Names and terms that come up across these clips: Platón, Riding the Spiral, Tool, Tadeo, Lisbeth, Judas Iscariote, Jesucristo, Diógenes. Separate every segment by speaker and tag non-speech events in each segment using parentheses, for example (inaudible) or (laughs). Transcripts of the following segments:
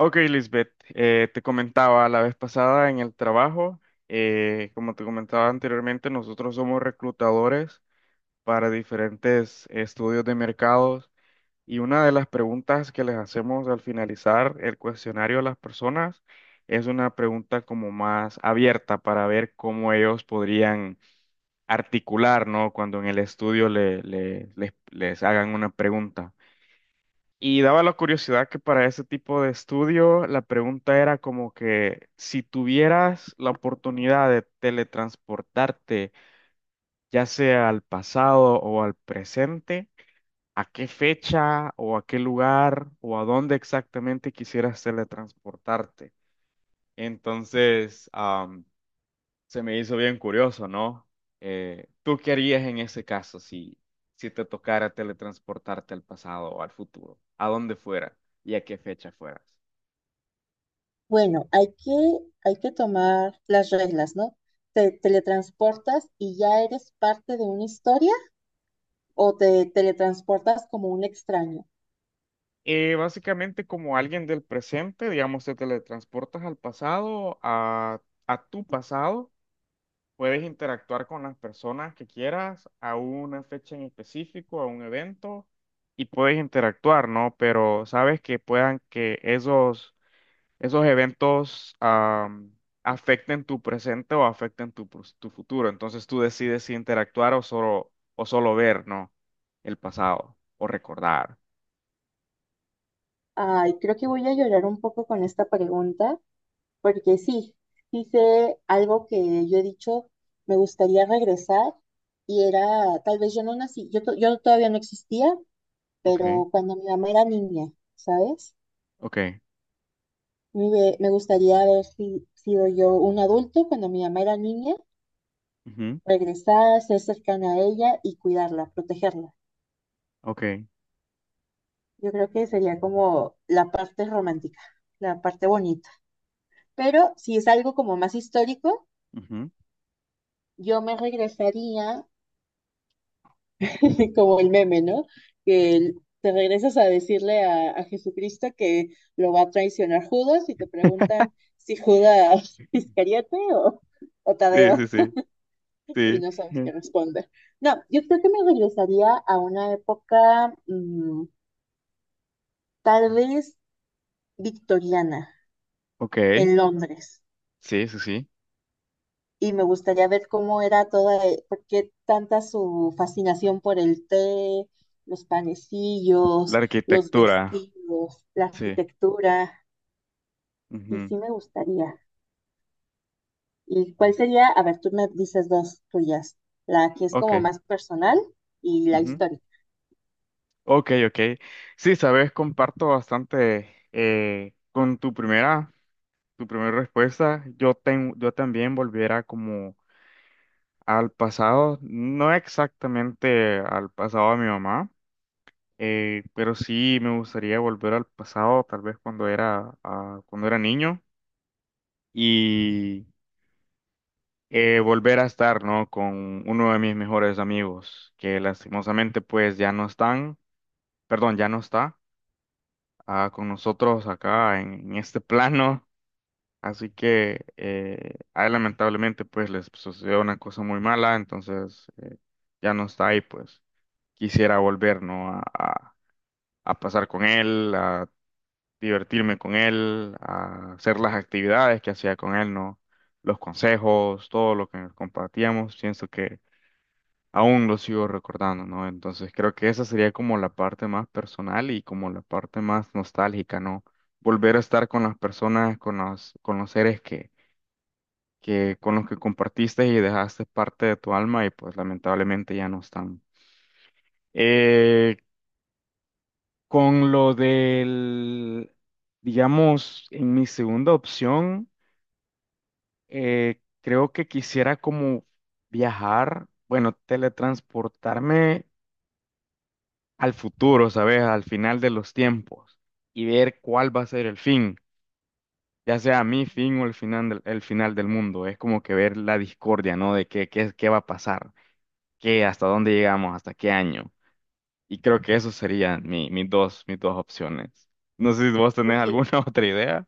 Speaker 1: Ok, Lisbeth, te comentaba la vez pasada en el trabajo, como te comentaba anteriormente, nosotros somos reclutadores para diferentes estudios de mercados y una de las preguntas que les hacemos al finalizar el cuestionario a las personas es una pregunta como más abierta para ver cómo ellos podrían articular, ¿no? Cuando en el estudio les hagan una pregunta. Y daba la curiosidad que para ese tipo de estudio la pregunta era como que si tuvieras la oportunidad de teletransportarte, ya sea al pasado o al presente, ¿a qué fecha o a qué lugar o a dónde exactamente quisieras teletransportarte? Entonces, se me hizo bien curioso, ¿no? ¿Tú qué harías en ese caso si te tocara teletransportarte al pasado o al futuro? ¿A dónde fuera y a qué fecha fueras?
Speaker 2: Bueno, hay que tomar las reglas, ¿no? ¿Te teletransportas y ya eres parte de una historia o te teletransportas como un extraño?
Speaker 1: Básicamente como alguien del presente, digamos, te teletransportas al pasado, a tu pasado, puedes interactuar con las personas que quieras a una fecha en específico, a un evento, y puedes interactuar, ¿no? Pero sabes que puedan que esos eventos afecten tu presente o afecten tu, tu futuro. Entonces tú decides si interactuar o solo ver, ¿no? El pasado o recordar.
Speaker 2: Ay, creo que voy a llorar un poco con esta pregunta, porque sí, hice algo que yo he dicho, me gustaría regresar y era, tal vez yo no nací, yo todavía no existía,
Speaker 1: Ok,
Speaker 2: pero cuando mi mamá era niña, ¿sabes?
Speaker 1: ok,
Speaker 2: Me gustaría haber si- sido yo un adulto cuando mi mamá era niña
Speaker 1: ujú,
Speaker 2: regresar, ser cercana a ella y cuidarla, protegerla.
Speaker 1: ok,
Speaker 2: Yo creo que sería como la parte romántica, la parte bonita. Pero si es algo como más histórico,
Speaker 1: ujú.
Speaker 2: yo me regresaría (laughs) como el meme, ¿no? Que te regresas a decirle a Jesucristo que lo va a traicionar Judas y te
Speaker 1: (laughs)
Speaker 2: preguntan si Judas (laughs) Iscariote o
Speaker 1: Sí,
Speaker 2: Tadeo
Speaker 1: sí, sí,
Speaker 2: (laughs) y
Speaker 1: sí.
Speaker 2: no sabes qué
Speaker 1: Ujú.
Speaker 2: responder. No, yo creo que me regresaría a una época, tal vez victoriana
Speaker 1: Ok,
Speaker 2: en Londres
Speaker 1: sí, sí, sí.
Speaker 2: y me gustaría ver cómo era toda, por qué tanta su fascinación por el té, los
Speaker 1: La
Speaker 2: panecillos, los
Speaker 1: arquitectura,
Speaker 2: vestidos, la
Speaker 1: sí.
Speaker 2: arquitectura. Y
Speaker 1: Ujú,
Speaker 2: sí me gustaría. ¿Y cuál sería? A ver, tú me dices dos tuyas, la que es como
Speaker 1: ok,
Speaker 2: más personal y la
Speaker 1: ujú,
Speaker 2: histórica.
Speaker 1: ok, ok. Sí, sabes, comparto bastante con tu primera. Tu primera respuesta, yo, yo también volviera como al pasado, no exactamente al pasado de mi mamá, pero sí me gustaría volver al pasado, tal vez cuando era, cuando era niño, y volver a estar, ¿no? Con uno de mis mejores amigos, que lastimosamente pues ya no están, perdón, ya no está con nosotros acá en este (laughs) plano. Así que a él lamentablemente pues les sucedió una cosa muy mala, entonces ya no está ahí, pues quisiera volver, ¿no? A pasar con él, a divertirme con él, a hacer las actividades que hacía con él, ¿no? Los consejos, todo lo que compartíamos, pienso que aún lo sigo recordando, ¿no? Entonces creo que esa sería como la parte más personal y como la parte más nostálgica, ¿no? Volver a estar con las personas, con los seres que con los que compartiste y dejaste parte de tu alma y pues lamentablemente ya no están. Eh, con lo del, digamos, en mi segunda opción, creo que quisiera como viajar, bueno, teletransportarme al futuro, ¿sabes? Al final de los tiempos y ver cuál va a ser el fin. Ya sea mi fin o el final del mundo, es como que ver la discordia, ¿no? De qué va a pasar. ¿Qué? ¿Hasta dónde llegamos? ¿Hasta qué año? Y creo que eso serían mis dos opciones. No sé si vos tenés
Speaker 2: Oye,
Speaker 1: alguna (laughs) otra idea.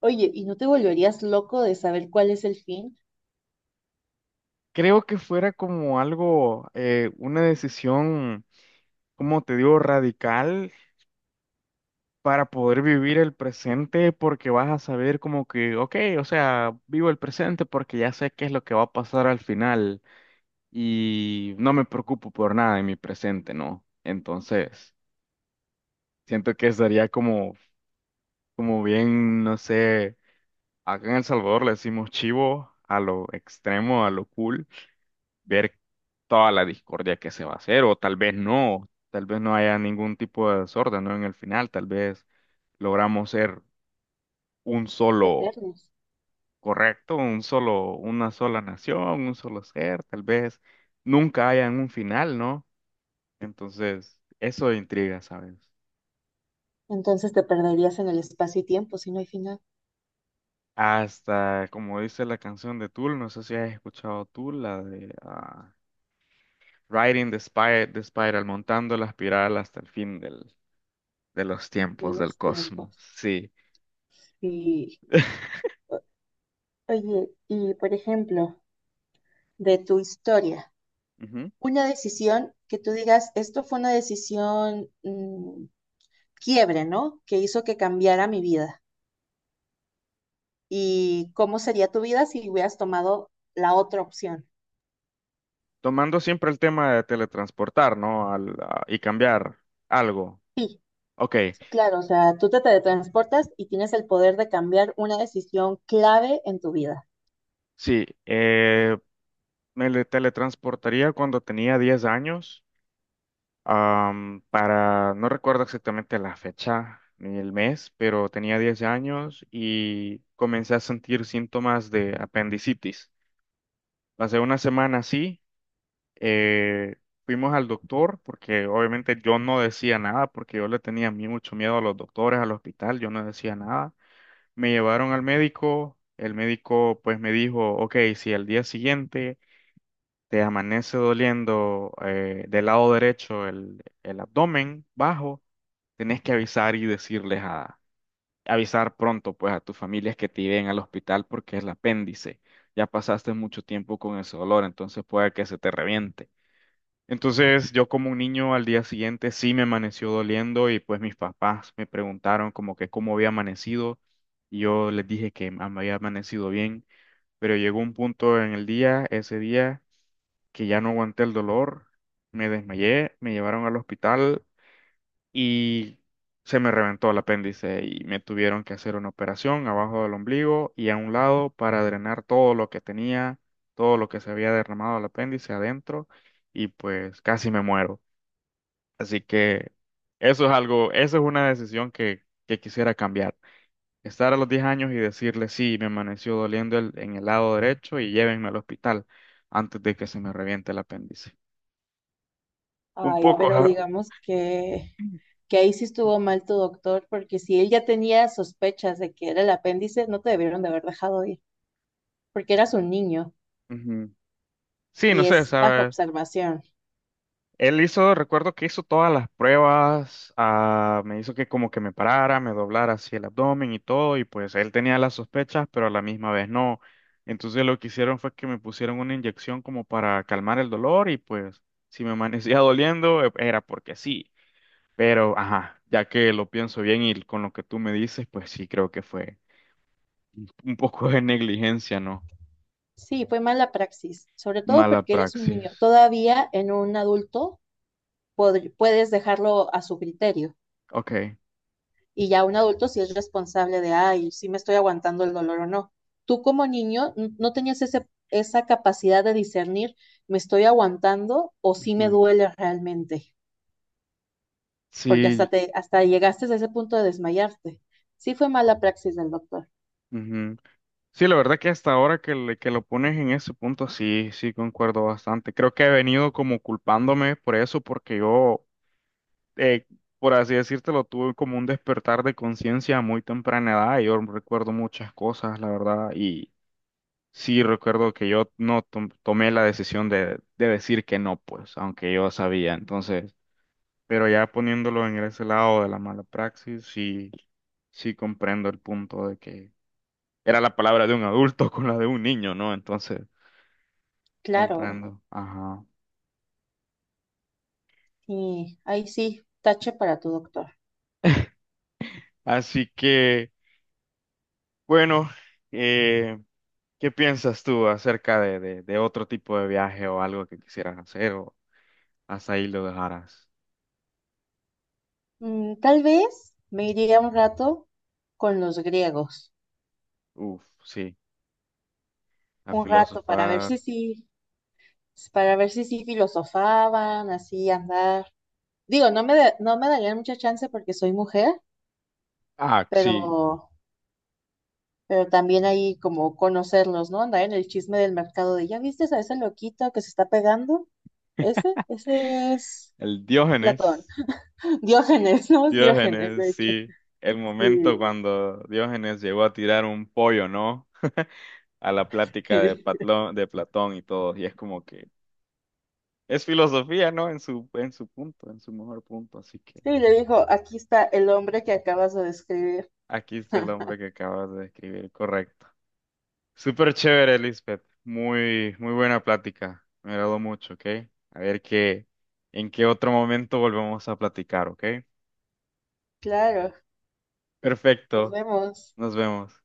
Speaker 2: oye, ¿y no te volverías loco de saber cuál es el fin?
Speaker 1: Creo que fuera como algo, una decisión, como te digo, radical para poder vivir el presente porque vas a saber como que, ok, o sea, vivo el presente porque ya sé qué es lo que va a pasar al final y no me preocupo por nada en mi presente, ¿no? Entonces, siento que sería como, como bien, no sé. Acá en El Salvador le decimos chivo a lo extremo, a lo cool, ver toda la discordia que se va a hacer, o tal vez no haya ningún tipo de desorden, ¿no? En el final, tal vez logramos ser un solo
Speaker 2: Eternos.
Speaker 1: correcto, un solo, una sola nación, un solo ser, tal vez nunca haya un final, ¿no? Entonces, eso intriga, ¿sabes?
Speaker 2: Entonces te perderías en el espacio y tiempo si no hay final
Speaker 1: Hasta, como dice la canción de Tool, no sé si has escuchado Tool, la de... Riding the the Spiral, montando la espiral hasta el fin de los
Speaker 2: de
Speaker 1: tiempos del
Speaker 2: los
Speaker 1: cosmos.
Speaker 2: tiempos.
Speaker 1: Sí.
Speaker 2: Sí.
Speaker 1: (laughs)
Speaker 2: O- Oye, y por ejemplo, de tu historia,
Speaker 1: Ujú.
Speaker 2: una decisión que tú digas, esto fue una decisión quiebre, ¿no? Que hizo que cambiara mi vida. ¿Y cómo sería tu vida si hubieras tomado la otra opción?
Speaker 1: Tomando siempre el tema de teletransportar, ¿no? Y cambiar algo.
Speaker 2: Sí,
Speaker 1: Ok,
Speaker 2: sí, claro, o sea, tú te teletransportas y tienes el poder de cambiar una decisión clave en tu vida.
Speaker 1: sí. Eh, teletransportaría cuando tenía 10 años, para, no recuerdo exactamente la fecha ni el mes, pero tenía 10 años y comencé a sentir síntomas de apendicitis. Pasé una semana así. Eh, Fuimos al doctor porque obviamente yo no decía nada porque yo le tenía mucho miedo a los doctores, al hospital, yo no decía nada. Me llevaron al médico, el médico pues me dijo, ok, si al día siguiente te amanece doliendo del lado derecho el abdomen bajo, tenés que avisar y avisar pronto pues a tus familias que te lleven al hospital porque es el apéndice. Ya pasaste mucho tiempo con ese dolor, entonces puede que se te reviente. Entonces yo como un niño al día siguiente sí me amaneció doliendo y pues mis papás me preguntaron como que cómo había amanecido y yo les dije que me había amanecido bien, pero llegó un punto en el día, ese día, que ya no aguanté el dolor, me desmayé, me llevaron al hospital y se me reventó el apéndice y me tuvieron que hacer una operación abajo del ombligo y a un lado para drenar todo lo que tenía, todo lo que se había derramado el apéndice adentro y pues casi me muero. Así que eso es algo, eso es una decisión que quisiera cambiar. Estar a los 10 años y decirle, sí, me amaneció doliendo en el lado derecho y llévenme al hospital antes de que se me reviente el apéndice. Un
Speaker 2: Ay,
Speaker 1: poco,
Speaker 2: pero
Speaker 1: ja-
Speaker 2: digamos que ahí sí estuvo mal tu doctor, porque si él ya tenía sospechas de que era el apéndice, no te debieron de haber dejado ir, porque eras un niño
Speaker 1: Ujú. Sí, no
Speaker 2: y
Speaker 1: sé,
Speaker 2: es bajo
Speaker 1: ¿sabes?
Speaker 2: observación.
Speaker 1: Él hizo, recuerdo que hizo todas las pruebas, me hizo que como que me parara, me doblara así el abdomen y todo, y pues él tenía las sospechas, pero a la misma vez no. Entonces lo que hicieron fue que me pusieron una inyección como para calmar el dolor y pues si me amanecía (laughs) doliendo era porque sí. Pero, ajá, ya que lo pienso bien y con lo que tú me dices, pues sí creo que fue un poco de negligencia, ¿no?
Speaker 2: Sí, fue mala praxis, sobre todo
Speaker 1: Mala
Speaker 2: porque eres un niño.
Speaker 1: praxis.
Speaker 2: Todavía en un adulto puedes dejarlo a su criterio
Speaker 1: Ok.
Speaker 2: y ya un adulto sí es responsable de, ay, si me estoy aguantando el dolor o no. Tú como niño no tenías esa capacidad de discernir, me estoy aguantando o si me
Speaker 1: Ujú.
Speaker 2: duele realmente, porque
Speaker 1: Sí.
Speaker 2: hasta llegaste a ese punto de desmayarte. Sí fue mala praxis del doctor,
Speaker 1: Ujú. Sí, la verdad que hasta ahora que, que lo pones en ese punto, sí, sí, concuerdo bastante. Creo que he venido como culpándome por eso, porque yo, eh, por así decírtelo, tuve como un despertar de conciencia a muy temprana edad. Yo recuerdo muchas cosas, la verdad, y sí recuerdo que yo no tomé la decisión de decir que no, pues, aunque yo sabía. Entonces, pero ya poniéndolo en ese lado de la mala praxis, sí, sí comprendo el punto. Era la palabra de un adulto (laughs) con la de un niño, ¿no? Entonces,
Speaker 2: claro.
Speaker 1: comprendo. Ajá.
Speaker 2: Y ahí sí, tache para tu doctor.
Speaker 1: Así que, bueno, eh, ¿qué piensas tú acerca de otro tipo de viaje o algo que quisieras hacer o hasta ahí lo dejarás?
Speaker 2: Mm, tal vez me iría un rato con los griegos,
Speaker 1: Uf, sí, a
Speaker 2: un rato para ver
Speaker 1: filosofar.
Speaker 2: si sí, para ver si sí filosofaban, así andar. Digo, no me darían mucha chance porque soy mujer,
Speaker 1: Ah, sí,
Speaker 2: pero, pero también ahí como conocerlos, ¿no? Andar en el chisme del mercado de, ¿ya viste a ese loquito que se está pegando? Ese es
Speaker 1: el
Speaker 2: Platón,
Speaker 1: Diógenes.
Speaker 2: (laughs) Diógenes, ¿no? Es Diógenes,
Speaker 1: Diógenes,
Speaker 2: de hecho,
Speaker 1: sí. El momento
Speaker 2: sí.
Speaker 1: cuando Diógenes llegó a tirar un pollo, ¿no? (laughs) A la plática de
Speaker 2: (laughs)
Speaker 1: De Platón y todo. Y es como que... Es filosofía, ¿no? En su punto, en su mejor punto. Así que
Speaker 2: Sí, le dijo, aquí está el hombre que acabas de describir.
Speaker 1: aquí está el hombre que acabas de describir, correcto. Súper chévere, Lisbeth. Muy, muy buena plática. Me agradó mucho, ¿ok? A ver qué, en qué otro momento volvemos a platicar, ¿ok?
Speaker 2: Claro, nos
Speaker 1: Perfecto.
Speaker 2: vemos.
Speaker 1: Nos vemos.